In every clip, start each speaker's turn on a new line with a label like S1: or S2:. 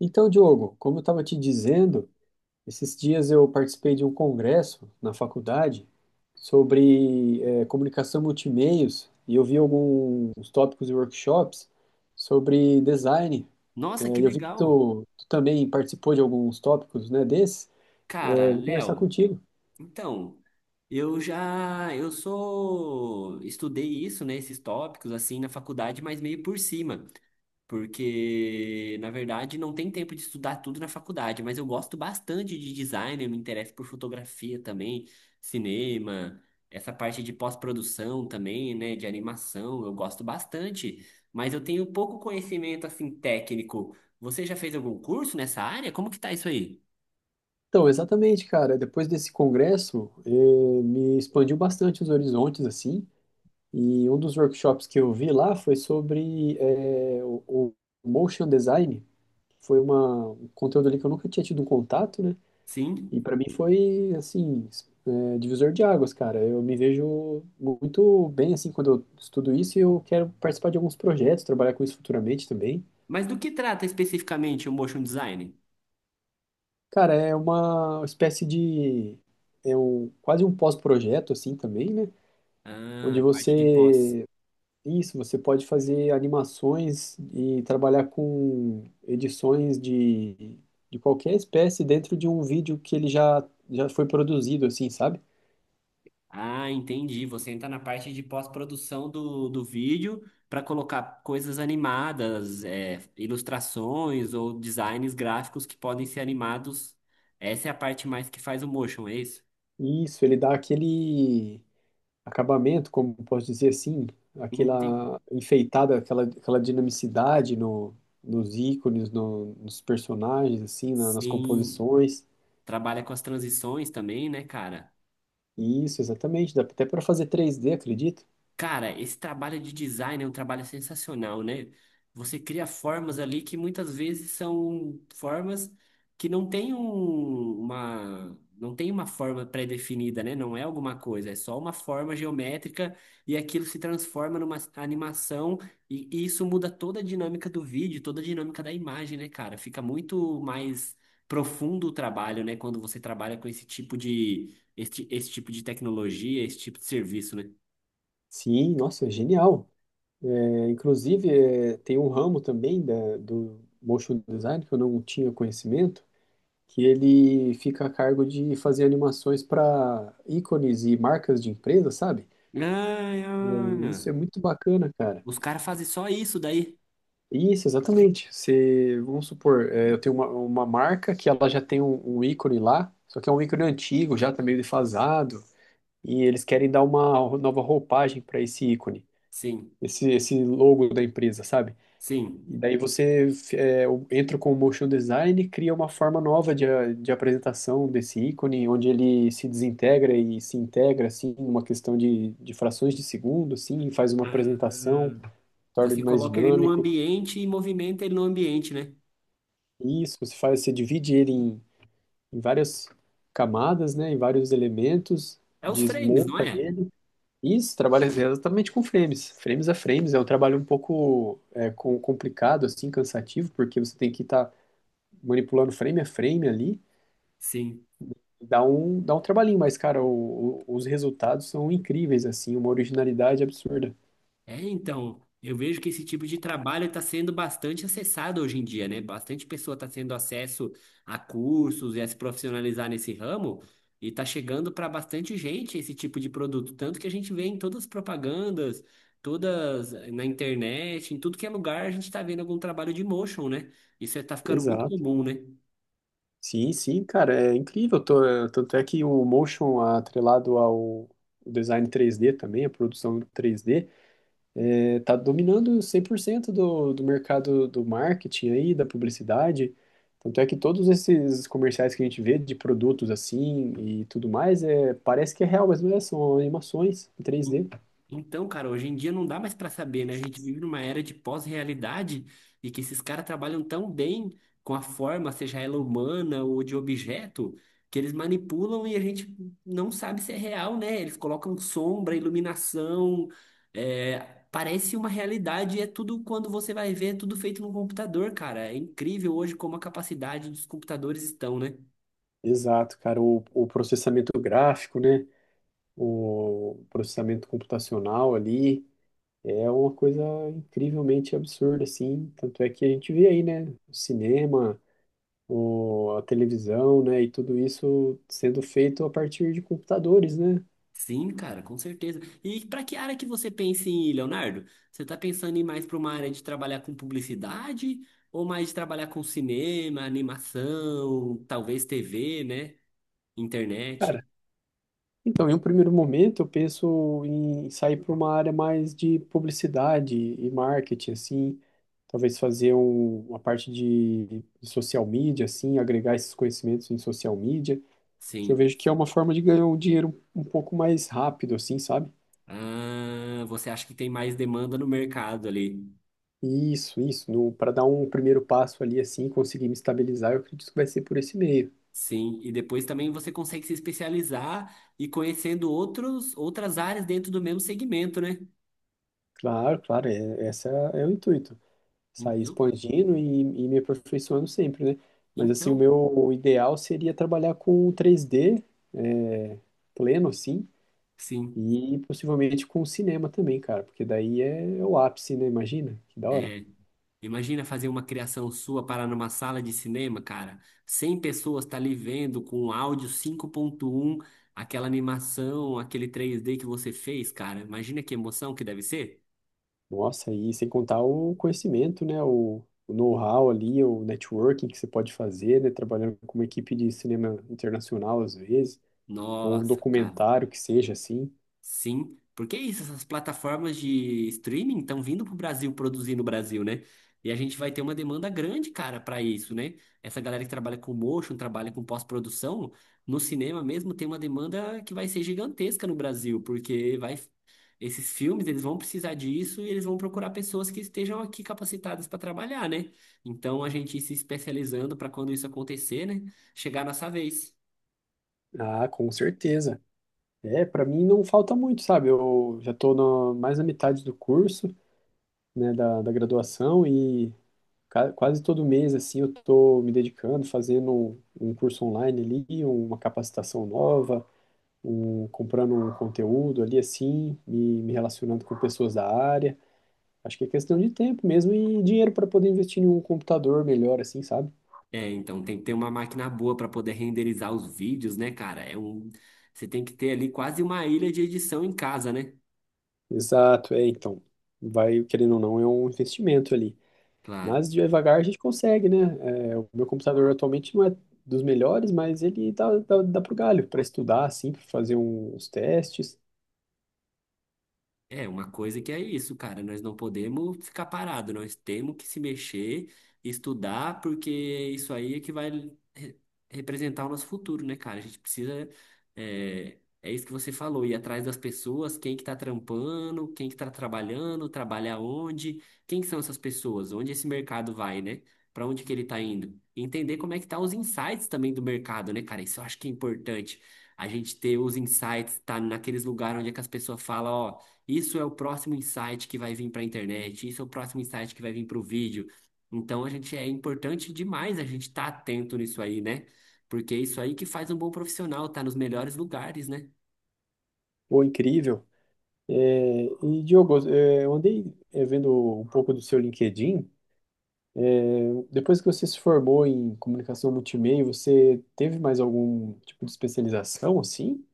S1: Então, Diogo, como eu estava te dizendo, esses dias eu participei de um congresso na faculdade sobre comunicação multimeios e eu vi alguns tópicos e workshops sobre design.
S2: Nossa, que
S1: E eu vi que
S2: legal.
S1: tu também participou de alguns tópicos, né, desses.
S2: Cara,
S1: Vou conversar
S2: Léo,
S1: contigo.
S2: então, eu já, eu sou, estudei isso, né, esses tópicos, assim, na faculdade, mas meio por cima, porque, na verdade, não tem tempo de estudar tudo na faculdade, mas eu gosto bastante de design, eu me interesso por fotografia também, cinema, essa parte de pós-produção também, né, de animação, eu gosto bastante, mas eu tenho pouco conhecimento, assim, técnico. Você já fez algum curso nessa área? Como que tá isso aí?
S1: Então, exatamente, cara. Depois desse congresso, me expandiu bastante os horizontes, assim. E um dos workshops que eu vi lá foi sobre o motion design foi um conteúdo ali que eu nunca tinha tido um contato, né? E
S2: Sim.
S1: para mim foi, assim, é, divisor de águas, cara. Eu me vejo muito bem, assim, quando eu estudo isso e eu quero participar de alguns projetos, trabalhar com isso futuramente também.
S2: Mas do que trata especificamente o motion design?
S1: Cara, é uma espécie de. É quase um pós-projeto, assim, também, né? Onde
S2: Ah, parte de pós.
S1: você Isso, você pode fazer animações e trabalhar com edições de qualquer espécie dentro de um vídeo que ele já foi produzido, assim, sabe?
S2: Ah, entendi. Você entra na parte de pós-produção do vídeo para colocar coisas animadas, é, ilustrações ou designs gráficos que podem ser animados. Essa é a parte mais que faz o motion, é isso?
S1: Isso, ele dá aquele acabamento, como posso dizer assim,
S2: Entendi.
S1: aquela enfeitada, aquela dinamicidade nos ícones, nos personagens, assim, nas
S2: Sim.
S1: composições.
S2: Trabalha com as transições também, né, cara?
S1: Isso, exatamente, dá até para fazer 3D, acredito.
S2: Cara, esse trabalho de design é um trabalho sensacional, né? Você cria formas ali que muitas vezes são formas que não tem uma forma pré-definida, né? Não é alguma coisa, é só uma forma geométrica e aquilo se transforma numa animação e isso muda toda a dinâmica do vídeo, toda a dinâmica da imagem, né, cara? Fica muito mais profundo o trabalho, né? Quando você trabalha com esse tipo de tecnologia, esse tipo de serviço, né?
S1: Sim, nossa, é genial. É, inclusive, é, tem um ramo também do motion design que eu não tinha conhecimento, que ele fica a cargo de fazer animações para ícones e marcas de empresa, sabe?
S2: Ai,
S1: É,
S2: olha.
S1: isso é muito bacana, cara.
S2: Os caras fazem só isso daí.
S1: Isso, exatamente. Se, vamos supor, eu tenho uma marca que ela já tem um ícone lá, só que é um ícone antigo, já tá meio defasado, e eles querem dar uma nova roupagem para esse ícone,
S2: Sim,
S1: esse logo da empresa, sabe?
S2: sim.
S1: E daí você entra com o motion design e cria uma forma nova de apresentação desse ícone, onde ele se desintegra e se integra, assim, numa questão de frações de segundo, assim, e faz uma
S2: Ah,
S1: apresentação, torna
S2: você
S1: ele mais
S2: coloca ele no
S1: dinâmico.
S2: ambiente e movimenta ele no ambiente, né?
S1: E isso, você faz, você divide ele em várias camadas, né, em vários elementos,
S2: É os frames, não
S1: desmonta.
S2: é?
S1: Isso, trabalha exatamente com frames, frames a frames. É um trabalho um pouco complicado, assim, cansativo, porque você tem que estar manipulando frame a frame ali.
S2: Sim.
S1: Dá um trabalhinho, mas, cara, o- os resultados são incríveis, assim, uma originalidade absurda.
S2: É, então, eu vejo que esse tipo de trabalho está sendo bastante acessado hoje em dia, né? Bastante pessoa está tendo acesso a cursos e a se profissionalizar nesse ramo, e está chegando para bastante gente esse tipo de produto. Tanto que a gente vê em todas as propagandas, todas na internet, em tudo que é lugar, a gente está vendo algum trabalho de motion, né? Isso está ficando muito
S1: Exato.
S2: comum, né?
S1: Sim, sim, cara, é incrível. Tanto é que o motion atrelado ao design 3D também, a produção 3D, tá dominando 100% do mercado do marketing aí, da publicidade. Tanto é que todos esses comerciais que a gente vê de produtos assim e tudo mais, parece que é real, mas não é, são animações em
S2: En-
S1: 3D.
S2: Então, cara, hoje em dia não dá mais pra saber, né? A gente vive numa era de pós-realidade e que esses caras trabalham tão bem com a forma, seja ela humana ou de objeto, que eles manipulam e a gente não sabe se é real, né? Eles colocam sombra, iluminação, é, parece uma realidade e é tudo quando você vai ver, é tudo feito no computador, cara. É incrível hoje como a capacidade dos computadores estão, né?
S1: Exato, cara, o processamento gráfico, né? O processamento computacional ali é uma coisa incrivelmente absurda, assim. Tanto é que a gente vê aí, né? O cinema, a televisão, né? E tudo isso sendo feito a partir de computadores, né?
S2: Sim, cara, com certeza. E para que área que você pensa em ir, Leonardo? Você está pensando em ir mais para uma área de trabalhar com publicidade ou mais de trabalhar com cinema, animação, talvez TV, né? Internet?
S1: Cara, então, em um primeiro momento, eu penso em sair para uma área mais de publicidade e marketing, assim, talvez fazer uma parte de social media, assim, agregar esses conhecimentos em social media, que eu
S2: Sim.
S1: vejo que é uma forma de ganhar um dinheiro um pouco mais rápido, assim, sabe?
S2: Ah, você acha que tem mais demanda no mercado ali?
S1: Isso, para dar um primeiro passo ali, assim, conseguir me estabilizar, eu acredito que vai ser por esse meio.
S2: Sim. E depois também você consegue se especializar e conhecendo outras áreas dentro do mesmo segmento, né?
S1: Claro, claro, é, esse é, é o intuito. Sair
S2: Então,
S1: expandindo e me aperfeiçoando sempre, né? Mas assim, o
S2: então,
S1: meu ideal seria trabalhar com 3D, é, pleno, assim,
S2: sim.
S1: e possivelmente com cinema também, cara, porque daí é o ápice, né? Imagina, que da hora.
S2: É, imagina fazer uma criação sua parar numa sala de cinema, cara. 100 pessoas tá ali vendo com um áudio 5.1, aquela animação, aquele 3D que você fez, cara. Imagina que emoção que deve ser.
S1: Nossa, e sem contar o conhecimento, né? O know-how ali, o networking que você pode fazer, né? Trabalhando com uma equipe de cinema internacional, às vezes, ou um
S2: Nossa, cara.
S1: documentário que seja assim.
S2: Sim, porque é isso, essas plataformas de streaming estão vindo pro Brasil produzir no Brasil, né? E a gente vai ter uma demanda grande, cara, para isso, né? Essa galera que trabalha com motion, trabalha com pós-produção, no cinema mesmo tem uma demanda que vai ser gigantesca no Brasil, porque vai esses filmes, eles vão precisar disso e eles vão procurar pessoas que estejam aqui capacitadas para trabalhar, né? Então a gente ir se especializando para quando isso acontecer, né, chegar a nossa vez.
S1: Ah, com certeza. É, para mim não falta muito, sabe? Eu já estou mais na metade do curso, né, da graduação e ca- quase todo mês, assim, eu estou me dedicando, fazendo um curso online ali, uma capacitação nova, comprando um conteúdo ali, assim, me relacionando com pessoas da área. Acho que é questão de tempo mesmo e dinheiro para poder investir em um computador melhor, assim, sabe?
S2: É, então tem que ter uma máquina boa para poder renderizar os vídeos, né, cara? É um, você tem que ter ali quase uma ilha de edição em casa, né?
S1: Exato, é, então, vai, querendo ou não, é um investimento ali.
S2: Claro.
S1: Mas devagar a gente consegue, né? É, o meu computador atualmente não é dos melhores, mas ele dá pro galho para estudar, assim, para fazer uns testes.
S2: É, uma coisa que é isso, cara. Nós não podemos ficar parado, nós temos que se mexer, estudar, porque isso aí é que vai re- representar o nosso futuro, né, cara? A gente precisa. É, é isso que você falou, ir atrás das pessoas, quem que tá trampando, quem que tá trabalhando, trabalha onde, quem que são essas pessoas, onde esse mercado vai, né? Pra onde que ele tá indo? E entender como é que tá os insights também do mercado, né, cara? Isso eu acho que é importante. A gente ter os insights, tá naqueles lugares onde é que as pessoas falam, ó. Isso é o próximo insight que vai vir para a internet, isso é o próximo insight que vai vir para o vídeo. Então a gente é importante demais a gente estar atento nisso aí, né? Porque é isso aí que faz um bom profissional, tá nos melhores lugares, né?
S1: Pô, incrível. É, e Diogo, eu andei vendo um pouco do seu LinkedIn. É, Depois que você se formou em comunicação multimeio, você teve mais algum tipo de especialização, assim?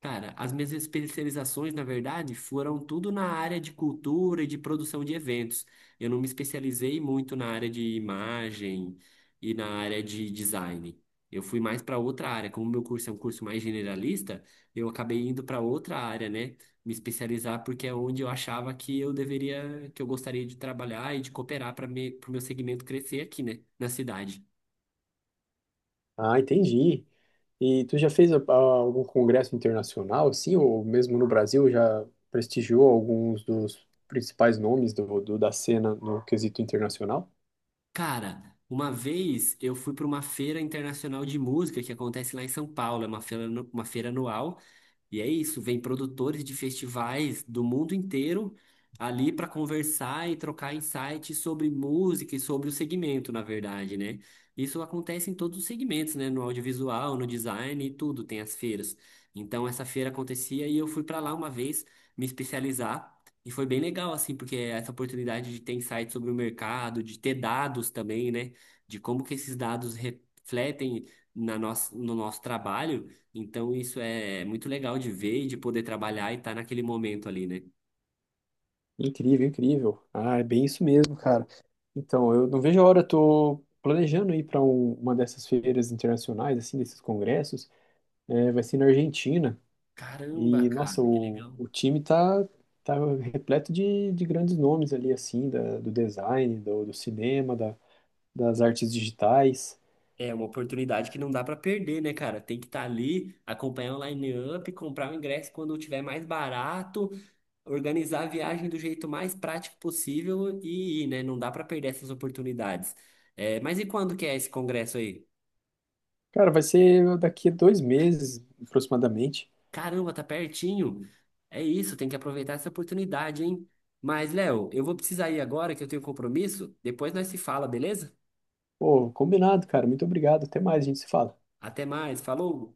S2: Cara, as minhas especializações, na verdade, foram tudo na área de cultura e de produção de eventos. Eu não me especializei muito na área de imagem e na área de design. Eu fui mais para outra área. Como meu curso é um curso mais generalista, eu acabei indo para outra área, né? Me especializar porque é onde eu achava que eu deveria, que eu gostaria de trabalhar e de cooperar para o meu segmento crescer aqui, né? Na cidade.
S1: Ah, entendi. E tu já fez algum congresso internacional, assim, ou mesmo no Brasil já prestigiou alguns dos principais nomes da cena no quesito internacional?
S2: Cara, uma vez eu fui para uma feira internacional de música que acontece lá em São Paulo, é uma feira anual. E é isso, vem produtores de festivais do mundo inteiro ali para conversar e trocar insights sobre música e sobre o segmento, na verdade, né? Isso acontece em todos os segmentos, né? No audiovisual, no design e tudo, tem as feiras. Então essa feira acontecia e eu fui para lá uma vez me especializar e foi bem legal assim, porque essa oportunidade de ter insights sobre o mercado, de ter dados também, né? De como que esses dados refletem no nosso trabalho. Então isso é muito legal de ver e de poder trabalhar e estar naquele momento ali, né?
S1: Incrível, incrível. Ah, é bem isso mesmo, cara. Então, eu não vejo a hora, tô planejando ir para uma dessas feiras internacionais, assim, desses congressos. É, vai ser na Argentina.
S2: Caramba,
S1: E, nossa,
S2: cara, que
S1: o,
S2: legal.
S1: o time tá repleto de grandes nomes ali, assim, do design, do cinema, das artes digitais.
S2: É uma oportunidade que não dá pra perder, né, cara? Tem que estar ali, acompanhar o line-up, comprar o ingresso quando tiver mais barato, organizar a viagem do jeito mais prático possível e ir, né? Não dá pra perder essas oportunidades. É, mas e quando que é esse congresso aí?
S1: Cara, vai ser daqui a 2 meses, aproximadamente.
S2: Caramba, tá pertinho. É isso, tem que aproveitar essa oportunidade, hein? Mas, Léo, eu vou precisar ir agora que eu tenho compromisso. Depois nós se fala, beleza?
S1: Pô, combinado, cara. Muito obrigado. Até mais, a gente se fala.
S2: Até mais, falou!